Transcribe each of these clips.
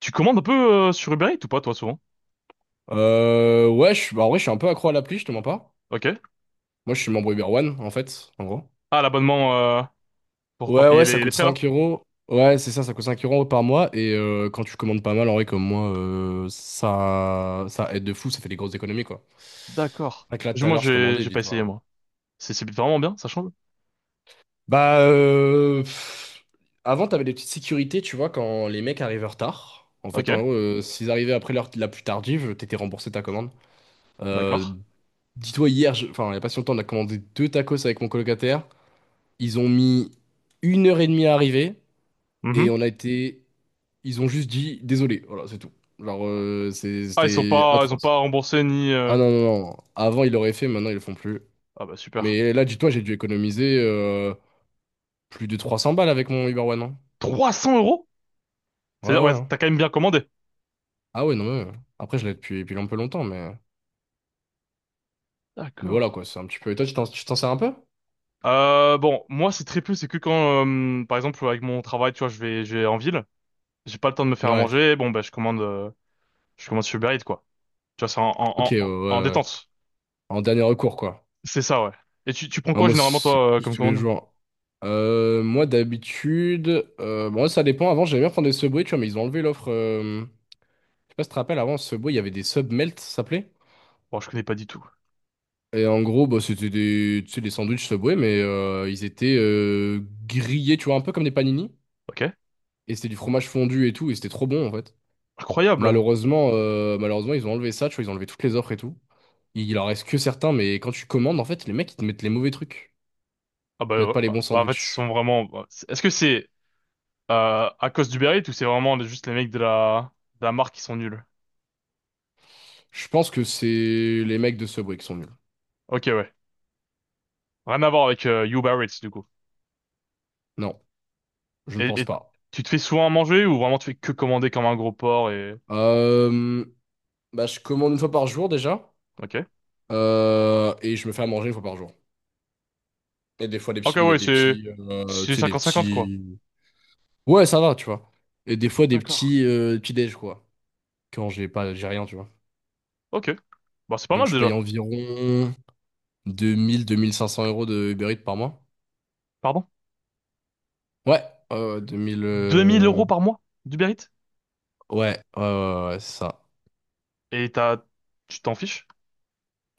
Tu commandes un peu sur Uber Eats ou pas, toi, souvent? Ouais, bah, en vrai, je suis un peu accro à l'appli, je te mens pas. Ok. Moi, je suis membre Uber One, en fait, en gros. Ah, l'abonnement pour pas Ouais, payer ouais, ça les coûte frais, là? 5 euros. Ouais, c'est ça, ça coûte 5 euros par mois. Et quand tu commandes pas mal, en vrai, comme moi, ça, ça aide de fou, ça fait des grosses économies, quoi. D'accord. C'est vrai que là, tout à Moi, l'heure, je j'ai commandais, j'ai pas essayé, dis-toi. moi. C'est vraiment bien, ça change? Bah, avant, t'avais des petites sécurités, tu vois, quand les mecs arrivaient en retard. En Ok, fait, en gros, s'ils arrivaient après l'heure la plus tardive, t'étais remboursé ta commande. Euh, d'accord. Dis-toi, hier, enfin, il n'y a pas si longtemps, on a commandé deux tacos avec mon colocataire. Ils ont mis une heure et demie à arriver et Mhm. on a été. Ils ont juste dit désolé, voilà, c'est tout. Genre, Ah, c'était ils ont atroce. pas remboursé ni... Ah non, non, non. Avant, ils l'auraient fait, maintenant, ils le font plus. Ah bah, super. Mais là, dis-toi, j'ai dû économiser plus de 300 balles avec mon Uber One, hein. 300 euros? Ouais, C'est-à-dire, ouais. ouais, hein. t'as quand même bien commandé. Ah ouais, non, mais. Après, je l'ai depuis un peu longtemps, mais. Mais D'accord. voilà, quoi, c'est un petit peu. Et toi, tu t'en sers un peu? Bon, moi, c'est très peu, c'est que quand, par exemple, avec mon travail, tu vois, je vais en ville, j'ai pas le temps de me faire à Ouais. manger, bon, bah, je commande sur Uber Eats, quoi. Tu vois, c'est en, en, Ok, en, en détente. en dernier recours, quoi. C'est ça, ouais. Et tu prends Ah, quoi moi, généralement c'est toi plus comme tous les commande? jours. Moi, d'habitude, bon, ça dépend. Avant, j'aimais bien prendre des Subway, tu vois, mais ils ont enlevé l'offre. Je sais pas si tu te rappelles, avant, Subway, il y avait des sub melt, ça s'appelait. Bon, je connais pas du tout. Et en gros, bah, c'était des, tu sais, des sandwichs Subway, mais ils étaient grillés, tu vois, un peu comme des panini. Ok. Et c'était du fromage fondu et tout, et c'était trop bon, en fait. Incroyable. Malheureusement, ils ont enlevé ça, tu vois, ils ont enlevé toutes les offres et tout. Il en reste que certains, mais quand tu commandes, en fait, les mecs, ils te mettent les mauvais trucs. Ah bah, Ils te mettent pas les bons bah en fait ils sont sandwichs. vraiment. Bah, est-ce que c'est à cause du Eats ou c'est vraiment juste les mecs de la marque qui sont nuls? Je pense que c'est les mecs de Subway qui sont nuls. Ok, ouais. Rien à voir avec Uber Eats du coup. Non, je ne Et, pense et pas. tu te fais souvent à manger ou vraiment tu fais que commander comme un gros porc et. Euh, bah, je commande une fois par jour déjà. Ok. Et je me fais à manger une fois par jour. Et des fois des Ok, petits, mais ouais, des c'est petits, c'est tu sais, des cinquante cinquante quoi. petits. Ouais, ça va, tu vois. Et des fois des D'accord. petits, petits déj, quoi. Quand j'ai pas, j'ai rien, tu vois. Ok. Bah c'est pas Donc mal je paye déjà. environ 2000-2500 euros de Uber Eats par mois. Pardon? Ouais, 2000. 2000 euros par mois d'Uber Eats? Ouais, ouais, ouais, ouais, c'est ça. Et t'as tu t'en fiches?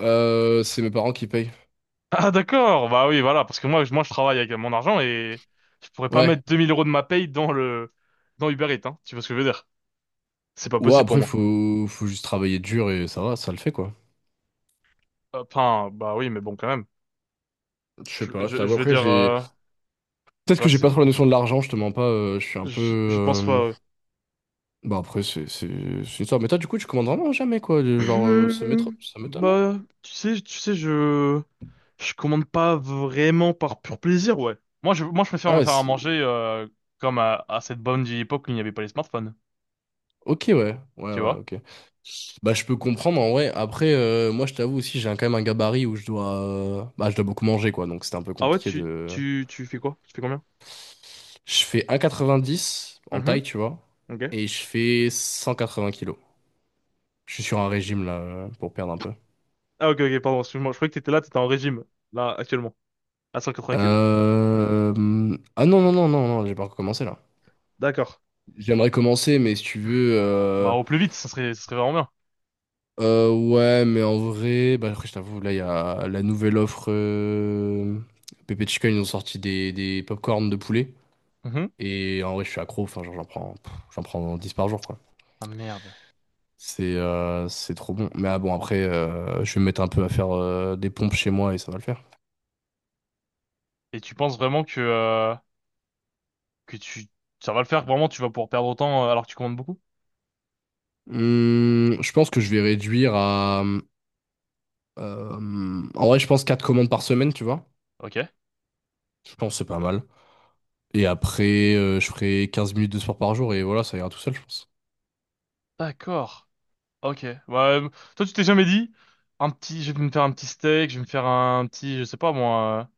C'est mes parents qui payent. Ah d'accord, bah oui, voilà, parce que moi, moi je travaille avec mon argent et je pourrais pas Ouais. mettre 2 000 € de ma paye dans le dans Uber Eats, hein. Tu vois ce que je veux dire? C'est pas Ouais, possible pour après, moi. Faut juste travailler dur et ça va, ça le fait, quoi. Enfin, bah oui, mais bon quand même. Je sais Je, pas, je je, t'avoue, je veux après, dire, j'ai... Peut-être tu que vois, j'ai pas c'est, trop la notion de l'argent, je te mens pas, je suis un peu... je pense pas. Ouais. Bah après, c'est ça. Mais toi, du coup, tu commandes vraiment jamais, quoi. Du Genre, Euh, ça m'étonne, hein. Bah, tu sais, je commande pas vraiment par pur plaisir, ouais. Moi, je préfère me Ah, faire à c'est... manger comme à cette bonne vieille époque où il n'y avait pas les smartphones, Ok, ouais. Ouais, tu ouais, vois? ok. Bah, je peux comprendre, en vrai. Après, moi, je t'avoue aussi, quand même un gabarit où je dois... Bah, je dois beaucoup manger, quoi. Donc, c'était un peu Ah ouais, compliqué tu de... tu tu fais quoi? Tu fais combien? Je fais 1,90 en Mhm, taille, tu vois. ok. Et je fais 180 kilos. Je suis sur un régime là pour perdre un peu. Ah, ok, ok, pardon, excuse-moi, je croyais que t'étais en régime là actuellement à 180 kilos. Ah non, non, non, non, non, j'ai pas recommencé là. D'accord. J'aimerais commencer, mais si tu veux. Bah au plus vite ça serait vraiment bien. Ouais, mais en vrai, bah, après, je t'avoue, là, il y a la nouvelle offre. Pepe Chica, ils ont sorti des pop de poulet. Mhm. Et en vrai, je suis accro, enfin, genre, j'en prends 10 par jour, quoi. Ah merde. C'est trop bon. Mais ah bon, après, je vais me mettre un peu à faire des pompes chez moi et ça va le faire. Et tu penses vraiment que tu ça va le faire vraiment tu vas pouvoir perdre autant alors que tu commandes beaucoup? Je pense que je vais réduire à. En vrai, je pense 4 commandes par semaine, tu vois. Ok. Je pense que c'est pas mal. Et après, je ferai 15 minutes de sport par jour et voilà, ça ira tout seul, je pense. D'accord. Ok. Bah toi tu t'es jamais dit un petit je vais me faire un petit steak je vais me faire un petit je sais pas moi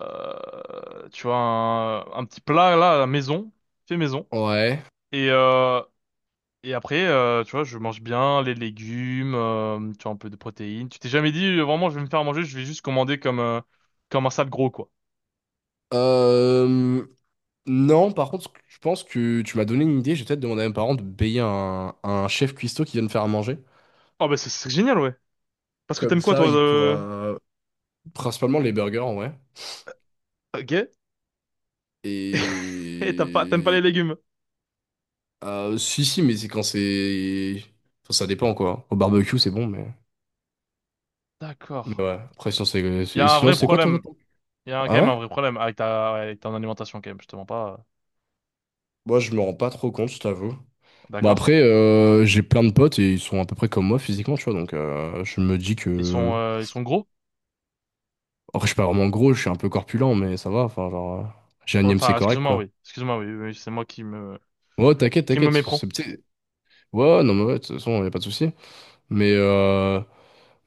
euh, tu vois un petit plat là à la maison fait maison Ouais. et euh, Et après, tu vois, je mange bien les légumes, tu vois, un peu de protéines. Tu t'es jamais dit, vraiment, je vais me faire manger, je vais juste commander comme un sale gros, quoi. Euh, non, par contre, je pense que tu m'as donné une idée. Je vais peut-être demander à mes parents de payer un chef cuistot qui vienne faire à manger. Oh, bah, c'est génial, ouais. Parce que Comme t'aimes quoi, ça, toi, il de... pourra... Principalement les burgers, en vrai. gay? Et t'aimes pas les Et... légumes. Si, si, mais c'est quand c'est... Enfin, ça dépend, quoi. Au barbecue, c'est bon, mais... Mais D'accord. ouais. Après, sinon, c'est... Il c'est- y a Et un sinon, vrai c'est quoi ton... problème. ton- Il y a quand Ah même ouais? un vrai problème avec ouais, avec ton alimentation, quand même, je te mens pas. Moi, je me rends pas trop compte, je t'avoue. Bon, D'accord. après, j'ai plein de potes et ils sont à peu près comme moi physiquement, tu vois. Donc, je me dis Ils que. sont, euh, ils sont gros? Après, je suis pas vraiment gros, je suis un peu corpulent, mais ça va. Enfin, genre, j'ai un IMC Enfin, correct, excuse-moi, quoi. oui. Excuse-moi, oui. Oui, c'est moi qui me, Ouais, t'inquiète, qui me t'inquiète. méprends. C'est petit. Ouais, non, mais ouais, de toute façon, y a pas de souci. Mais, euh,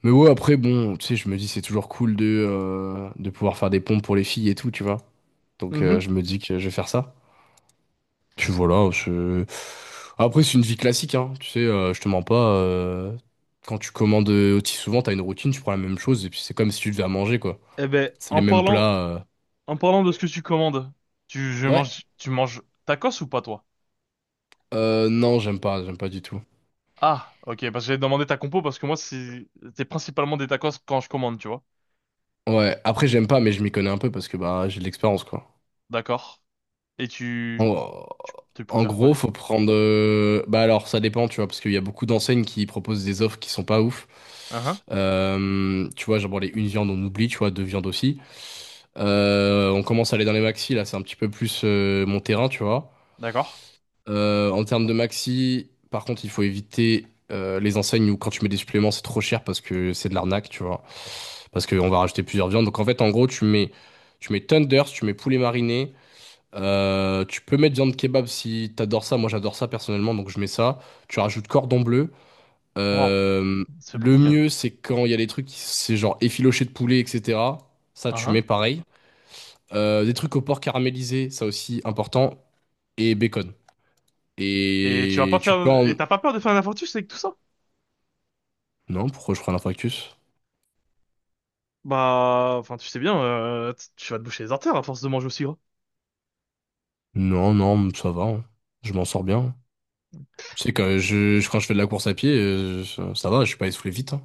mais ouais, après, bon, tu sais, je me dis, c'est toujours cool de pouvoir faire des pompes pour les filles et tout, tu vois. Donc, Mhm. je me dis que je vais faire ça. Puis voilà, je... Après, c'est une vie classique, hein. Tu sais, je te mens pas. Quand tu commandes aussi souvent, t'as une routine, tu prends la même chose, et puis c'est comme si tu devais à manger, quoi. Eh ben, C'est les en mêmes parlant, plats. En parlant de ce que tu commandes, tu, je Ouais. mange, tu manges tacos ou pas toi? Non, j'aime pas du tout. Ah, ok, parce que j'avais demandé ta compo parce que moi c'est principalement des tacos quand je commande, tu vois. Ouais, après, j'aime pas, mais je m'y connais un peu parce que bah, j'ai de l'expérience, quoi. D'accord. Et tu, En... tu, tu en préfères quoi gros, du faut coup? prendre. Bah alors, ça dépend, tu vois, parce qu'il y a beaucoup d'enseignes qui proposent des offres qui sont pas ouf. Hein? Tu vois, genre, bon, les une viande, on oublie, tu vois, deux viandes aussi. On commence à aller dans les maxi, là, c'est un petit peu plus mon terrain, tu vois. D'accord. En termes de maxi, par contre, il faut éviter les enseignes où quand tu mets des suppléments, c'est trop cher parce que c'est de l'arnaque, tu vois. Parce qu'on va rajouter plusieurs viandes. Donc en fait, en gros, tu mets tenders, tu mets poulet mariné. Tu peux mettre viande kebab si t'adores ça. Moi, j'adore ça personnellement, donc je mets ça. Tu rajoutes cordon bleu. Waouh, Euh, ça fait beaucoup le quand même. mieux, c'est quand il y a des trucs qui c'est genre effiloché de poulet, etc. Ça, tu Hein? mets pareil. Des trucs au porc caramélisé, ça aussi important. Et bacon. Et tu vas Et pas tu faire peux en... et t'as pas peur de faire un infarctus avec tout ça? Non, pourquoi je prends l'infarctus? Bah, enfin tu sais bien, tu vas te boucher les artères à force de manger aussi. Non, non, ça va, hein. Je m'en sors bien. Tu sais, quand quand je fais de la course à pied, ça, ça va, je suis pas essoufflé vite, hein.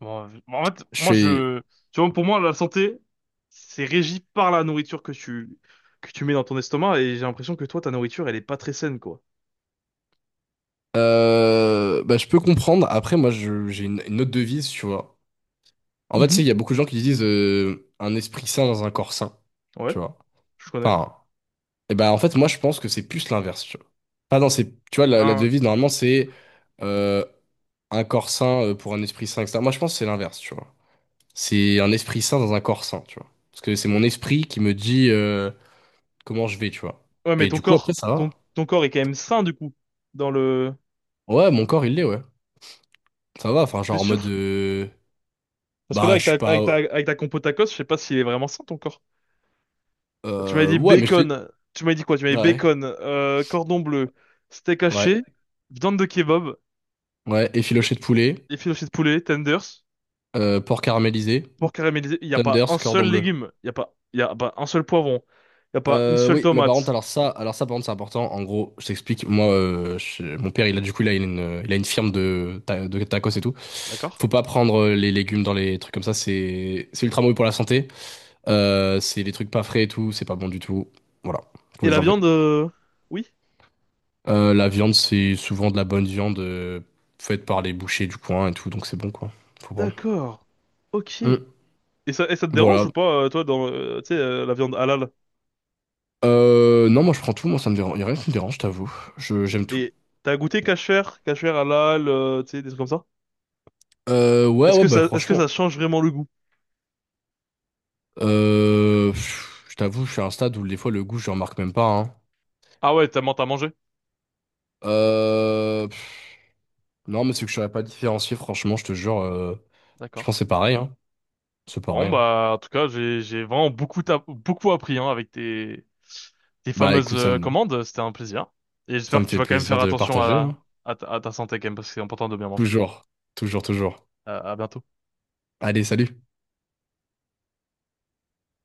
Bon, en fait, Je fais... tu vois, pour moi, la santé, c'est régi par la nourriture que tu mets dans ton estomac, et j'ai l'impression que toi, ta nourriture, elle est pas très saine, quoi. Bah, je peux comprendre. Après, moi, j'ai une autre devise, tu vois. En fait, tu sais, Mhm. il y a beaucoup de gens qui disent un esprit sain dans un corps sain, Ouais, tu vois. je connais. Enfin, et ben, en fait, moi, je pense que c'est plus l'inverse, tu vois. Pas dans ces... Tu vois, la Hein, devise, normalement, c'est... euh, un corps sain pour un esprit sain, etc. Moi, je pense que c'est l'inverse, tu vois. C'est un esprit sain dans un corps sain, tu vois. Parce que c'est mon esprit qui me dit comment je vais, tu vois. ouais, mais Et ton du coup, après, corps, ça va. Ton corps est quand même sain, du coup, dans le, Ouais, mon corps, il l'est, ouais. Ça va, enfin, t'es genre en mode... sûr? euh, Parce que là, bah, avec je ta, suis avec ta, pas... avec ta compo tacos, je sais pas s'il est vraiment sain, ton corps. Tu m'avais euh, dit ouais, mais je t'ai dit... bacon, tu m'avais dit quoi? Tu m'avais dit Ouais, bacon, cordon bleu, steak ouais, haché, viande de kebab, ouais. Effiloché de poulet, et filet de poulet, tenders. Porc caramélisé, Pour caraméliser, il n'y a pas Thunders, un seul cordon bleu. légume, il y a pas un seul poivron, il n'y a pas une Euh, seule oui, mais par contre, tomate, alors ça, par contre, c'est important. En gros, je t'explique. Moi, mon père, il a du coup, il a une firme de tacos et tout. d'accord? Faut pas prendre les légumes dans les trucs comme ça. C'est ultra mauvais pour la santé. C'est les trucs pas frais et tout. C'est pas bon du tout. Voilà, faut Et la les enlever. viande, oui, La viande, c'est souvent de la bonne viande faite par les bouchers du coin et tout, donc c'est bon quoi. Faut prendre. d'accord, ok. Hum, Et ça te dérange Voilà. ou pas, toi, dans, tu sais, la viande halal? Non, moi je prends tout. Moi, ça me dérange. Y a rien qui me dérange, je t'avoue. J'aime tout. Et t'as goûté kasher halal, tu sais, des trucs comme ça? Ouais, Est-ce ouais, que bah ça, est-ce que franchement. ça change vraiment le goût? Je t'avoue, je suis à un stade où des fois le goût, je le remarque même pas, hein. Ah ouais, t'as mangé? Euh, pff, non, mais c'est que je saurais pas différencier, franchement, je te jure. Je pense que D'accord. c'est pareil, hein. C'est Bon, pareil, hein. bah, en tout cas, j'ai vraiment beaucoup, beaucoup appris, hein, avec tes Bah fameuses écoute, commandes. C'était un plaisir. Et ça j'espère me que tu fait vas quand même plaisir faire de attention partager. Hein. À ta santé, quand même, parce que c'est important de bien manger. Toujours, toujours, toujours. À bientôt. Allez, salut.